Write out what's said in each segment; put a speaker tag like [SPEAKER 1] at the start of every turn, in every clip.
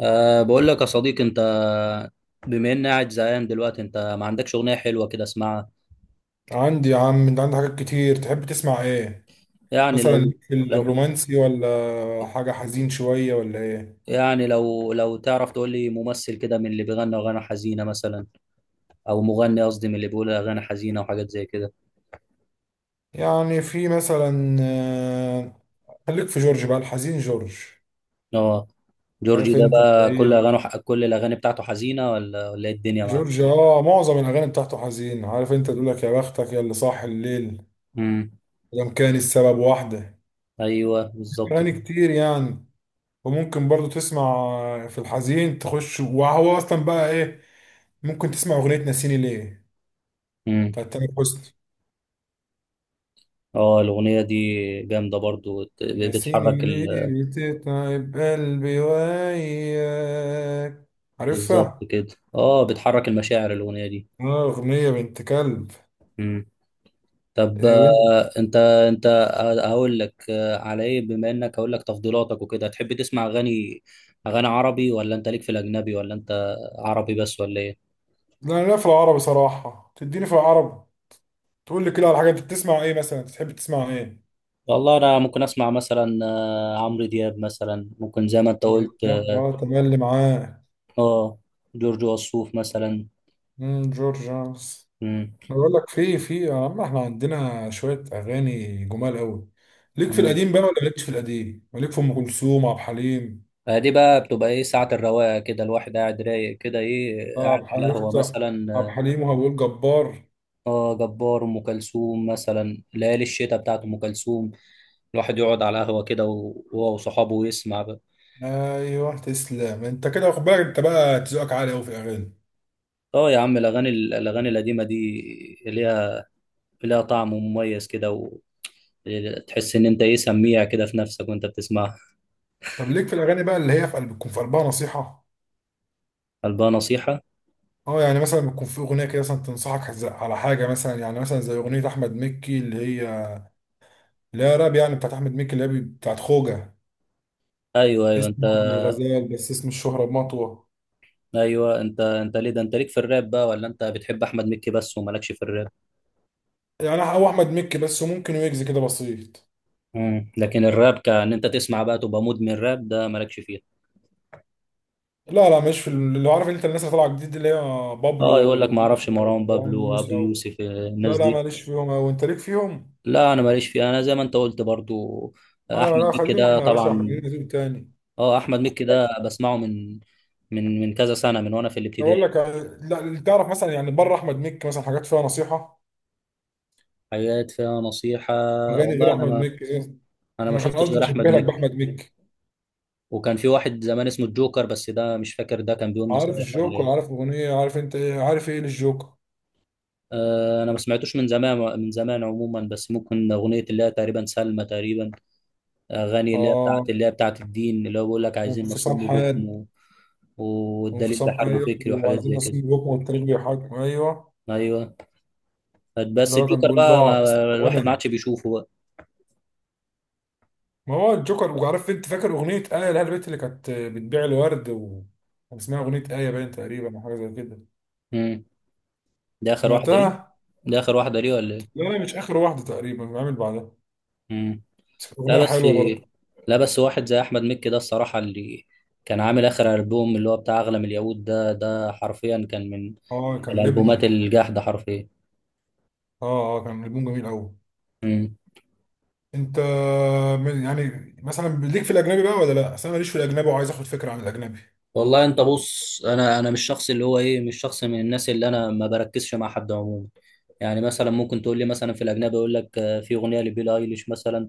[SPEAKER 1] بقول لك يا صديقي انت، بما اني قاعد زهقان دلوقتي انت ما عندكش اغنيه حلوه كده اسمعها؟
[SPEAKER 2] عندي يا عم. انت عندك حاجات كتير، تحب تسمع ايه؟
[SPEAKER 1] يعني
[SPEAKER 2] مثلا
[SPEAKER 1] لو
[SPEAKER 2] ليك في
[SPEAKER 1] لو
[SPEAKER 2] الرومانسي ولا حاجة حزين شوية ولا ايه؟
[SPEAKER 1] يعني لو لو تعرف تقول لي ممثل كده من اللي بيغني اغاني حزينه، مثلا او مغني، قصدي من اللي بيقول اغاني حزينه وحاجات زي كده.
[SPEAKER 2] يعني في مثلا خليك في جورج بقى الحزين. جورج،
[SPEAKER 1] اه، جورجي
[SPEAKER 2] عارف
[SPEAKER 1] ده
[SPEAKER 2] انت
[SPEAKER 1] بقى
[SPEAKER 2] اللي هي
[SPEAKER 1] كل الاغاني بتاعته حزينه ولا ايه الدنيا معاه؟
[SPEAKER 2] جورج، معظم الاغاني بتاعته حزين. عارف انت، تقول لك يا بختك، يا اللي صاح الليل
[SPEAKER 1] امم.
[SPEAKER 2] لم كان السبب واحدة.
[SPEAKER 1] ايوه بالظبط كده.
[SPEAKER 2] اغاني كتير يعني. وممكن برضو تسمع في الحزين تخش، وهو اصلا بقى ايه، ممكن تسمع اغنية ناسيني ليه
[SPEAKER 1] امم.
[SPEAKER 2] بتاعت تامر حسني.
[SPEAKER 1] اه الاغنيه دي جامده برضو،
[SPEAKER 2] ناسيني
[SPEAKER 1] بتحرك
[SPEAKER 2] ليه بتتعب قلبي وياك،
[SPEAKER 1] بالظبط
[SPEAKER 2] عارفها؟
[SPEAKER 1] كده، اه بتحرك المشاعر الاغنيه
[SPEAKER 2] اه أغنية بنت كلب.
[SPEAKER 1] دي. طب
[SPEAKER 2] إيه وانت؟
[SPEAKER 1] انت، انت هقول لك، على ايه بما انك هقول لك تفضيلاتك وكده. تحب تسمع اغاني، اغاني عربي ولا انت ليك في الاجنبي ولا انت عربي بس ولا ايه؟
[SPEAKER 2] لا لا، في العربي صراحة، تديني في العربي. تقول لي كده على حاجة، أنت بتسمع إيه مثلا، تحب تسمع إيه؟
[SPEAKER 1] والله انا ممكن اسمع مثلا عمرو دياب مثلا، ممكن زي ما انت
[SPEAKER 2] عمرو
[SPEAKER 1] قلت.
[SPEAKER 2] دياب،
[SPEAKER 1] اه،
[SPEAKER 2] اه تملي معاه.
[SPEAKER 1] آه، جورج وسوف مثلا.
[SPEAKER 2] جورج جونز.
[SPEAKER 1] مم.
[SPEAKER 2] أنا بقول لك في في يا عم، إحنا عندنا شوية أغاني جمال أوي. ليك في
[SPEAKER 1] مم.
[SPEAKER 2] القديم بقى ولا مالكش في القديم؟ مالك في أم كلثوم عبد الحليم؟
[SPEAKER 1] دي بقى بتبقى ايه، ساعة الرواقة كده الواحد قاعد رايق كده، ايه
[SPEAKER 2] اه عبد
[SPEAKER 1] قاعد على
[SPEAKER 2] الحليم،
[SPEAKER 1] قهوة
[SPEAKER 2] شفت
[SPEAKER 1] مثلا.
[SPEAKER 2] عبد
[SPEAKER 1] اه،
[SPEAKER 2] الحليم وهبول جبار.
[SPEAKER 1] جبار. ام كلثوم مثلا، ليالي الشتاء بتاعت ام كلثوم، الواحد يقعد على قهوة كده وهو وصحابه ويسمع بقى.
[SPEAKER 2] ايوه تسلم انت، كده واخد بالك، انت بقى ذوقك عالي قوي في الاغاني.
[SPEAKER 1] اه يا عم، الأغاني، الأغاني القديمة دي ليها ليها طعم مميز كده، وتحس إن أنت إيه، سميع كده في نفسك وأنت بتسمعها.
[SPEAKER 2] طب ليك في الاغاني بقى اللي هي في قلب، بتكون في قلبها نصيحه؟
[SPEAKER 1] قلبها نصيحة؟
[SPEAKER 2] اه يعني مثلا بتكون في اغنيه كده مثلا تنصحك على حاجه، مثلا يعني مثلا زي اغنيه احمد مكي اللي هي، اللي هي راب يعني، بتاعت احمد مكي، اللي هي بتاعت خوجه.
[SPEAKER 1] أيوه أيوه أنت،
[SPEAKER 2] اسمه من الغزال، بس اسم الشهره بمطوه.
[SPEAKER 1] أيوه. أنت، ليه ده، أنت ليك في الراب بقى ولا أنت بتحب أحمد مكي بس ومالكش في الراب؟
[SPEAKER 2] يعني هو احمد مكي بس، وممكن ويجز كده بسيط.
[SPEAKER 1] مم. لكن الراب كأن أنت تسمع بقى تبقى مدمن راب، ده مالكش فيه؟
[SPEAKER 2] لا لا، مش في اللي هو، عارف انت الناس اللي طالعه جديد اللي هي، بابلو
[SPEAKER 1] اه يقول لك ما اعرفش،
[SPEAKER 2] وموسى
[SPEAKER 1] مروان بابلو
[SPEAKER 2] ومروان
[SPEAKER 1] وابو
[SPEAKER 2] موسى و...
[SPEAKER 1] يوسف
[SPEAKER 2] لا
[SPEAKER 1] الناس
[SPEAKER 2] لا
[SPEAKER 1] دي.
[SPEAKER 2] ماليش فيهم اوي، انت ليك فيهم؟
[SPEAKER 1] لا انا ماليش فيها، انا زي ما انت قلت برضو،
[SPEAKER 2] اه
[SPEAKER 1] احمد
[SPEAKER 2] لا،
[SPEAKER 1] مكي
[SPEAKER 2] خلينا
[SPEAKER 1] ده
[SPEAKER 2] احنا يا باشا، احنا
[SPEAKER 1] طبعا.
[SPEAKER 2] لينا ذوق تاني.
[SPEAKER 1] اه احمد
[SPEAKER 2] خد
[SPEAKER 1] مكي ده
[SPEAKER 2] بالك،
[SPEAKER 1] بسمعه من كذا سنه، من وانا في
[SPEAKER 2] انا بقول
[SPEAKER 1] الابتدائي.
[SPEAKER 2] لك لا اللي تعرف مثلا يعني بره احمد مكي مثلا حاجات فيها نصيحه.
[SPEAKER 1] حاجات فيها نصيحه؟
[SPEAKER 2] اغاني
[SPEAKER 1] والله
[SPEAKER 2] غير احمد مكي زي-
[SPEAKER 1] انا ما
[SPEAKER 2] انا كان
[SPEAKER 1] شفتش
[SPEAKER 2] قصدي
[SPEAKER 1] غير احمد
[SPEAKER 2] بشبه لك
[SPEAKER 1] مكي.
[SPEAKER 2] باحمد مكي.
[SPEAKER 1] وكان في واحد زمان اسمه الجوكر، بس ده مش فاكر ده كان بيقول
[SPEAKER 2] عارف
[SPEAKER 1] نصايح ولا
[SPEAKER 2] الجوكر، عارف
[SPEAKER 1] ايه.
[SPEAKER 2] اغنيه، عارف انت ايه، عارف ايه للجوكر؟
[SPEAKER 1] آه انا ما سمعتوش من زمان، من زمان عموما، بس ممكن اغنيه اللي هي تقريبا سلمى تقريبا، اغاني اللي هي بتاعت،
[SPEAKER 2] اه
[SPEAKER 1] اللي هي بتاعت الدين، اللي هو بيقول لك عايزين
[SPEAKER 2] وانفصام
[SPEAKER 1] نصوم وبكم
[SPEAKER 2] حاد.
[SPEAKER 1] والدليل
[SPEAKER 2] وانفصام،
[SPEAKER 1] بحرب
[SPEAKER 2] ايوه،
[SPEAKER 1] فكري وحاجات
[SPEAKER 2] وعايزين
[SPEAKER 1] زي كده.
[SPEAKER 2] نصيب بكم، والتاريخ بيحاكم، ايوه.
[SPEAKER 1] ايوه،
[SPEAKER 2] اللي
[SPEAKER 1] بس
[SPEAKER 2] هو كان
[SPEAKER 1] الجوكر
[SPEAKER 2] بيقول
[SPEAKER 1] بقى ما،
[SPEAKER 2] ضاعت.
[SPEAKER 1] الواحد ما
[SPEAKER 2] وانا...
[SPEAKER 1] عادش بيشوفه بقى.
[SPEAKER 2] ما هو الجوكر. وعارف انت، فاكر اغنيه ايه لها البيت اللي كانت بتبيع الورد و... كان اسمها اغنيه ايه باين تقريبا، او حاجه زي كده.
[SPEAKER 1] مم. ده اخر واحده ليه،
[SPEAKER 2] سمعتها؟
[SPEAKER 1] ده آخر واحدة ليه ولا إيه؟
[SPEAKER 2] لا لا، مش اخر واحده، تقريبا بعمل بعدها.
[SPEAKER 1] مم.
[SPEAKER 2] بس كانت
[SPEAKER 1] لا
[SPEAKER 2] اغنيه
[SPEAKER 1] بس،
[SPEAKER 2] حلوه برضه.
[SPEAKER 1] لا بس واحد زي أحمد مكي ده الصراحة، اللي كان عامل آخر ألبوم اللي هو بتاع أغلى من اليهود ده، ده حرفيا كان من
[SPEAKER 2] اه كان
[SPEAKER 1] الألبومات
[SPEAKER 2] لبنه.
[SPEAKER 1] الجاحدة حرفيا.
[SPEAKER 2] اه كان لبنه جميل قوي.
[SPEAKER 1] مم.
[SPEAKER 2] انت يعني مثلا ليك في الاجنبي بقى، ولا لا، اصل انا ماليش في الاجنبي وعايز اخد فكره عن الاجنبي.
[SPEAKER 1] والله أنت بص، أنا مش شخص اللي هو إيه، مش شخص من الناس اللي، أنا ما بركزش مع حد عموما. يعني مثلا ممكن تقول لي مثلا في الأجنبي، يقول لك في أغنية لبيلي أيليش مثلا،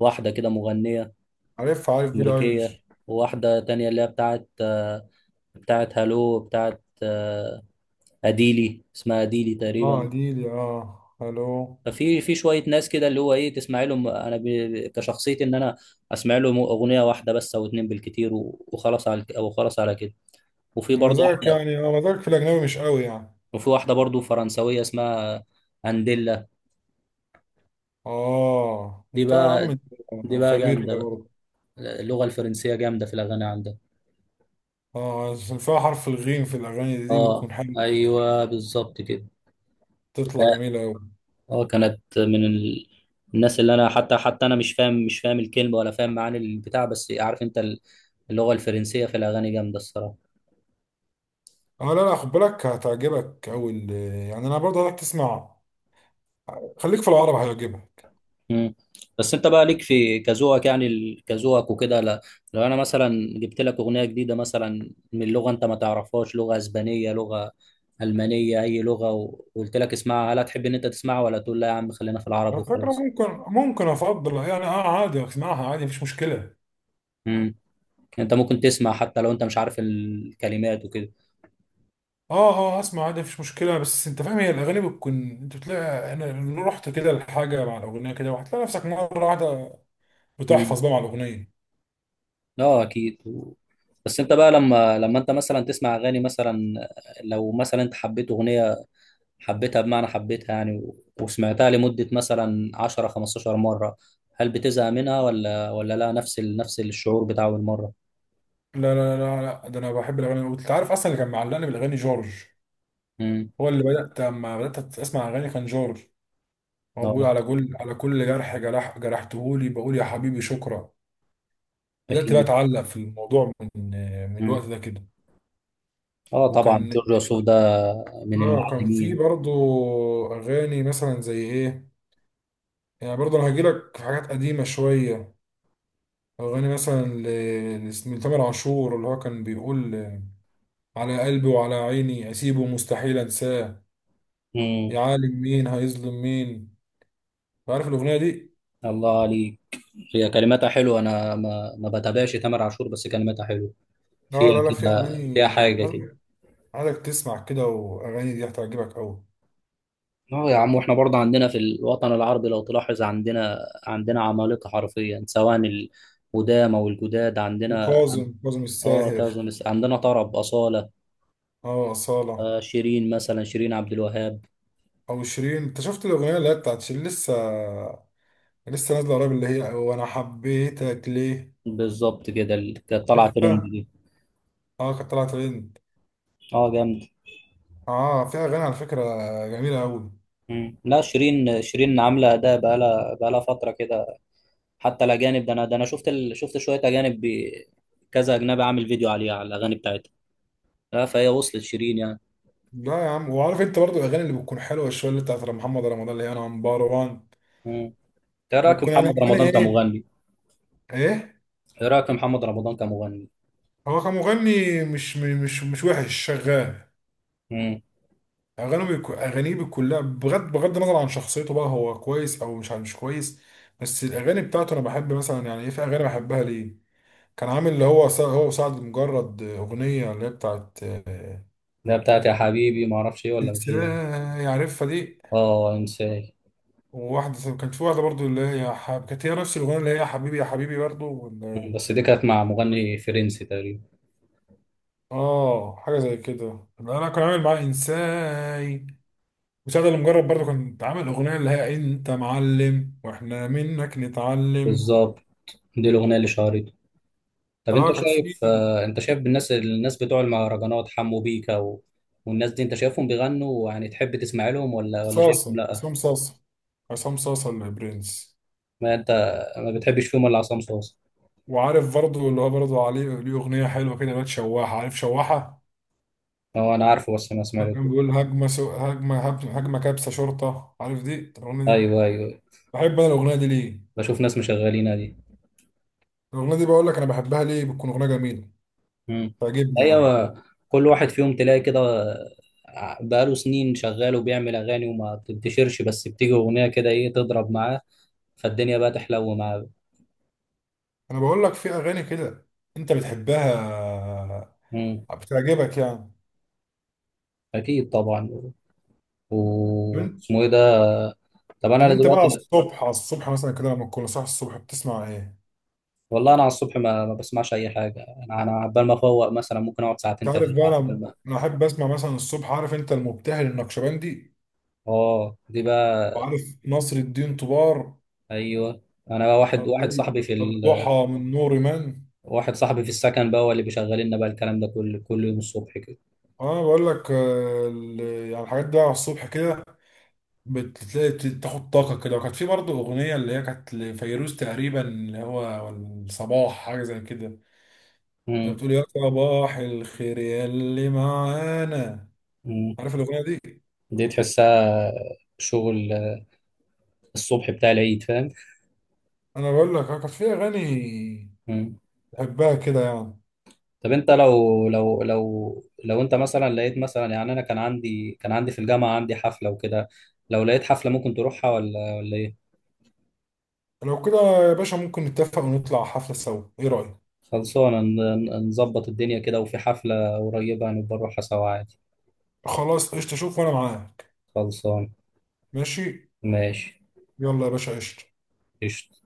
[SPEAKER 1] واحدة كده مغنية
[SPEAKER 2] عارف بيلي
[SPEAKER 1] أمريكية.
[SPEAKER 2] ايليش.
[SPEAKER 1] وواحدة تانية اللي هي بتاعت، بتاعت هالو، بتاعت، اديلي، اسمها اديلي
[SPEAKER 2] اه
[SPEAKER 1] تقريبا.
[SPEAKER 2] دي، الو.
[SPEAKER 1] ففي شويه ناس كده اللي هو ايه تسمع لهم، كشخصيتي ان انا اسمع لهم اغنيه واحده بس او اتنين بالكتير وخلاص على، او خلاص على كده. وفي برضه
[SPEAKER 2] مزاجك
[SPEAKER 1] واحده،
[SPEAKER 2] يعني، مزاجك في الاجنبي مش قوي يعني.
[SPEAKER 1] وفي واحده برضه فرنسويه اسمها انديلا.
[SPEAKER 2] اه
[SPEAKER 1] دي
[SPEAKER 2] انت يا عم،
[SPEAKER 1] بقى،
[SPEAKER 2] أنت
[SPEAKER 1] دي بقى
[SPEAKER 2] خبير
[SPEAKER 1] جامده
[SPEAKER 2] بقى
[SPEAKER 1] بقى،
[SPEAKER 2] برضه.
[SPEAKER 1] اللغه الفرنسيه جامده في الاغاني عندها.
[SPEAKER 2] اه عشان فيها حرف الغين في الاغاني، دي
[SPEAKER 1] اه،
[SPEAKER 2] بتكون حلوه.
[SPEAKER 1] ايوه بالظبط كده.
[SPEAKER 2] تطلع جميله قوي.
[SPEAKER 1] اه كانت من الناس اللي انا حتى حتى انا مش فاهم الكلمه ولا فاهم معاني البتاع، بس عارف انت اللغه الفرنسيه في الاغاني جامده الصراحه.
[SPEAKER 2] اه لا لا، خد بالك هتعجبك اول. يعني انا برضه هتك تسمع، خليك في العرب هيعجبك.
[SPEAKER 1] مم. بس انت بقى ليك في كذوقك يعني، كذوقك وكده؟ لا لو انا مثلا جبت لك اغنيه جديده مثلا من لغه انت ما تعرفهاش، لغه اسبانيه، لغه المانيه، اي لغه، وقلت لك اسمعها، هل هتحب ان انت تسمعها ولا تقول لا يا عم خلينا في العرب
[SPEAKER 2] على فكره
[SPEAKER 1] وخلاص؟
[SPEAKER 2] ممكن. ممكن افضل يعني، اه عادي، اسمعها عادي مفيش مشكله.
[SPEAKER 1] مم. انت ممكن تسمع حتى لو انت مش عارف الكلمات وكده؟
[SPEAKER 2] اه اسمع عادي مفيش مشكله. بس انت فاهم، هي الاغاني بتكون، انت بتلاقي انا رحت كده لحاجه مع الاغنيه كده، وهتلاقي نفسك مره واحده بتحفظ بقى مع الاغنيه.
[SPEAKER 1] اه اكيد بس انت بقى لما انت مثلا تسمع اغاني مثلا، لو مثلا انت حبيت اغنيه، حبيتها بمعنى حبيتها يعني، وسمعتها لمده مثلا 10 15 مره، هل بتزهق منها ولا لا نفس نفس الشعور بتاع اول مره؟
[SPEAKER 2] لا لا لا لا، ده انا بحب الاغاني. وانت عارف اصلا، اللي كان معلقني بالاغاني جورج.
[SPEAKER 1] امم.
[SPEAKER 2] هو اللي بدات، لما بدات اسمع اغاني كان جورج. هو بيقول
[SPEAKER 1] اه
[SPEAKER 2] على كل على كل جرح جرح جرحتهولي بقول يا حبيبي شكرا. بدأت بقى
[SPEAKER 1] اكيد.
[SPEAKER 2] أتعلق في الموضوع من من الوقت
[SPEAKER 1] امم.
[SPEAKER 2] ده كده.
[SPEAKER 1] اه طبعا
[SPEAKER 2] وكان
[SPEAKER 1] جورج وسوف ده من
[SPEAKER 2] كان في
[SPEAKER 1] المعلمين.
[SPEAKER 2] برضو أغاني مثلا زي إيه. يعني برضو أنا هجيلك في حاجات قديمة شوية. أغاني مثلا لتامر عاشور، اللي هو كان بيقول على قلبي وعلى عيني أسيبه مستحيل أنساه.
[SPEAKER 1] امم.
[SPEAKER 2] يا عالم مين هيظلم مين، عارف الأغنية دي؟
[SPEAKER 1] الله عليك، هي كلماتها حلوه، انا ما ما بتابعش تامر عاشور، بس كلماتها حلوه،
[SPEAKER 2] لا
[SPEAKER 1] فيها
[SPEAKER 2] لا لا، في
[SPEAKER 1] كده فيها
[SPEAKER 2] أغاني
[SPEAKER 1] حاجه كده.
[SPEAKER 2] عايزك تسمع كده، وأغاني دي هتعجبك أوي.
[SPEAKER 1] اه يا عم، واحنا برضه عندنا في الوطن العربي لو تلاحظ، عندنا عمالقة حرفيا، سواء القدامى او الجداد عندنا.
[SPEAKER 2] وكاظم
[SPEAKER 1] اه
[SPEAKER 2] الساهر.
[SPEAKER 1] كذا عندنا طرب، أصالة،
[SPEAKER 2] اه أصالة.
[SPEAKER 1] آه شيرين مثلا، شيرين عبد الوهاب.
[SPEAKER 2] او شيرين، انت شفت الاغنيه اللي هي بتاعت شيرين، لسه نازله قريب، اللي هي وانا حبيتك ليه،
[SPEAKER 1] بالظبط كده، كانت طالعة ترند
[SPEAKER 2] عارفها؟
[SPEAKER 1] دي.
[SPEAKER 2] اه كانت طلعت ترند.
[SPEAKER 1] اه جامد.
[SPEAKER 2] اه فيها اغاني على فكره جميله قوي.
[SPEAKER 1] مم. لا شيرين، شيرين عاملة أداء بقالها فترة كده. حتى الأجانب، ده أنا شفت شفت شوية أجانب كذا أجنبي عامل فيديو عليها، على الأغاني بتاعتها. لا فهي وصلت شيرين يعني.
[SPEAKER 2] لا يا عم، وعارف انت برضو الاغاني اللي بتكون حلوه شويه اللي بتاعت محمد رمضان اللي هي انا عمبار وان.
[SPEAKER 1] مم. إيه رأيك في
[SPEAKER 2] بتكون يعني
[SPEAKER 1] محمد
[SPEAKER 2] اغاني
[SPEAKER 1] رمضان
[SPEAKER 2] ايه،
[SPEAKER 1] كمغني؟
[SPEAKER 2] ايه.
[SPEAKER 1] ايه رايك في محمد رمضان كمغني؟
[SPEAKER 2] هو كمغني مش وحش، شغال.
[SPEAKER 1] امم.
[SPEAKER 2] اغانيه بتكون، لا، بغض النظر عن شخصيته، بقى هو كويس او مش كويس. بس الاغاني بتاعته انا بحب مثلا يعني، ايه في اغاني بحبها ليه. كان عامل اللي هو هو وسعد مجرد، أغنية اللي هي بتاعت
[SPEAKER 1] ده بتاعت يا حبيبي ما اعرفش ايه ولا مش ايه.
[SPEAKER 2] إنسان، يعرفها دي.
[SPEAKER 1] اه انساه.
[SPEAKER 2] وواحدة كان في واحدة برضو، اللي هي كانت هي نفس الأغنية اللي هي يا حبيبي يا حبيبي برضو، ولا
[SPEAKER 1] مم،
[SPEAKER 2] إيه؟
[SPEAKER 1] بس دي كانت مع مغني فرنسي تقريبا.
[SPEAKER 2] آه حاجة زي كده، أنا كان عامل معاه إنساي. وسعد المجرد برضو كان عامل أغنية اللي هي أنت معلم وإحنا منك نتعلم.
[SPEAKER 1] بالظبط، دي الاغنيه اللي شهرته. طب انت
[SPEAKER 2] آه كانت في
[SPEAKER 1] شايف، انت شايف الناس، الناس بتوع المهرجانات، حمو بيكا والناس دي انت شايفهم بيغنوا، يعني تحب تسمع لهم ولا ولا شايفهم
[SPEAKER 2] صاصة،
[SPEAKER 1] لا؟
[SPEAKER 2] عصام صاصة، عصام صاصة البرنس.
[SPEAKER 1] ما انت ما بتحبش فيهم ولا؟ عصام صوصه.
[SPEAKER 2] وعارف برضو اللي هو، برضو عليه ليه أغنية حلوة كده اللي هي شواحة، عارف شواحة؟
[SPEAKER 1] اه انا عارفه بس ما
[SPEAKER 2] كان
[SPEAKER 1] سمعته.
[SPEAKER 2] بيقول هجمة سو... هجمة هب- هجمة كبسة شرطة، عارف دي؟ طب الأغنية دي
[SPEAKER 1] ايوه ايوه،
[SPEAKER 2] بحب أنا الأغنية دي ليه؟
[SPEAKER 1] بشوف ناس مشغلينها دي.
[SPEAKER 2] الأغنية دي بقول لك أنا بحبها ليه، بتكون أغنية جميلة،
[SPEAKER 1] مم.
[SPEAKER 2] تعجبني يعني.
[SPEAKER 1] ايوه كل واحد فيهم تلاقي كده، بقاله سنين شغال وبيعمل اغاني وما بتنتشرش، بس بتيجي اغنيه كده ايه تضرب معاه، فالدنيا بقى تحلو معاه.
[SPEAKER 2] أنا بقول لك في أغاني كده أنت بتحبها،
[SPEAKER 1] مم.
[SPEAKER 2] بتعجبك يعني.
[SPEAKER 1] اكيد طبعا،
[SPEAKER 2] طب أنت
[SPEAKER 1] واسمه ايه ده؟ طب
[SPEAKER 2] طب
[SPEAKER 1] انا
[SPEAKER 2] أنت بقى على
[SPEAKER 1] دلوقتي.
[SPEAKER 2] الصبح على الصبح مثلا كده لما تكون صاحي الصبح بتسمع إيه؟
[SPEAKER 1] والله انا على الصبح ما بسمعش اي حاجه، انا انا عبال ما افوق مثلا ممكن اقعد
[SPEAKER 2] أنت
[SPEAKER 1] ساعتين ثلاثه.
[SPEAKER 2] عارف بقى،
[SPEAKER 1] عبال
[SPEAKER 2] أنا
[SPEAKER 1] ما.
[SPEAKER 2] أنا أحب أسمع مثلا الصبح، عارف أنت المبتهل النقشبندي،
[SPEAKER 1] اه دي بقى.
[SPEAKER 2] وعارف نصر الدين طوبار.
[SPEAKER 1] ايوه، انا بقى
[SPEAKER 2] طب
[SPEAKER 1] واحد
[SPEAKER 2] وإيه؟
[SPEAKER 1] صاحبي في
[SPEAKER 2] الضحى من نور من.
[SPEAKER 1] واحد صاحبي في السكن بقى، هو اللي بيشغل لنا بقى الكلام ده كل يوم الصبح كده.
[SPEAKER 2] اه انا بقول لك، يعني الحاجات دي على الصبح كده، بتلاقي تاخد طاقه كده. وكانت في برضه اغنيه اللي هي كانت لفيروز تقريبا اللي هو الصباح حاجه زي كده. كانت
[SPEAKER 1] مم.
[SPEAKER 2] بتقول يا صباح الخير يا اللي معانا،
[SPEAKER 1] مم.
[SPEAKER 2] عارف الاغنيه دي؟
[SPEAKER 1] دي تحسها شغل الصبح بتاع العيد، فاهم.
[SPEAKER 2] انا بقول لك كانت في اغاني
[SPEAKER 1] مم.
[SPEAKER 2] بحبها كده يعني.
[SPEAKER 1] طب انت لو انت مثلا لقيت مثلا، يعني انا كان عندي، كان عندي في الجامعة عندي حفلة وكده، لو لقيت حفلة ممكن تروحها ولا ولا ايه؟
[SPEAKER 2] لو كده يا باشا ممكن نتفق ونطلع حفله سوا، ايه رايك؟
[SPEAKER 1] خلصانة، نظبط الدنيا كده وفي حفلة قريبة هنبقى نروحها سوا عادي.
[SPEAKER 2] خلاص قشطه، شوف وانا معاك.
[SPEAKER 1] خلصان.
[SPEAKER 2] ماشي.
[SPEAKER 1] ماشي.
[SPEAKER 2] يلا يا باشا، قشطه.
[SPEAKER 1] قشطة.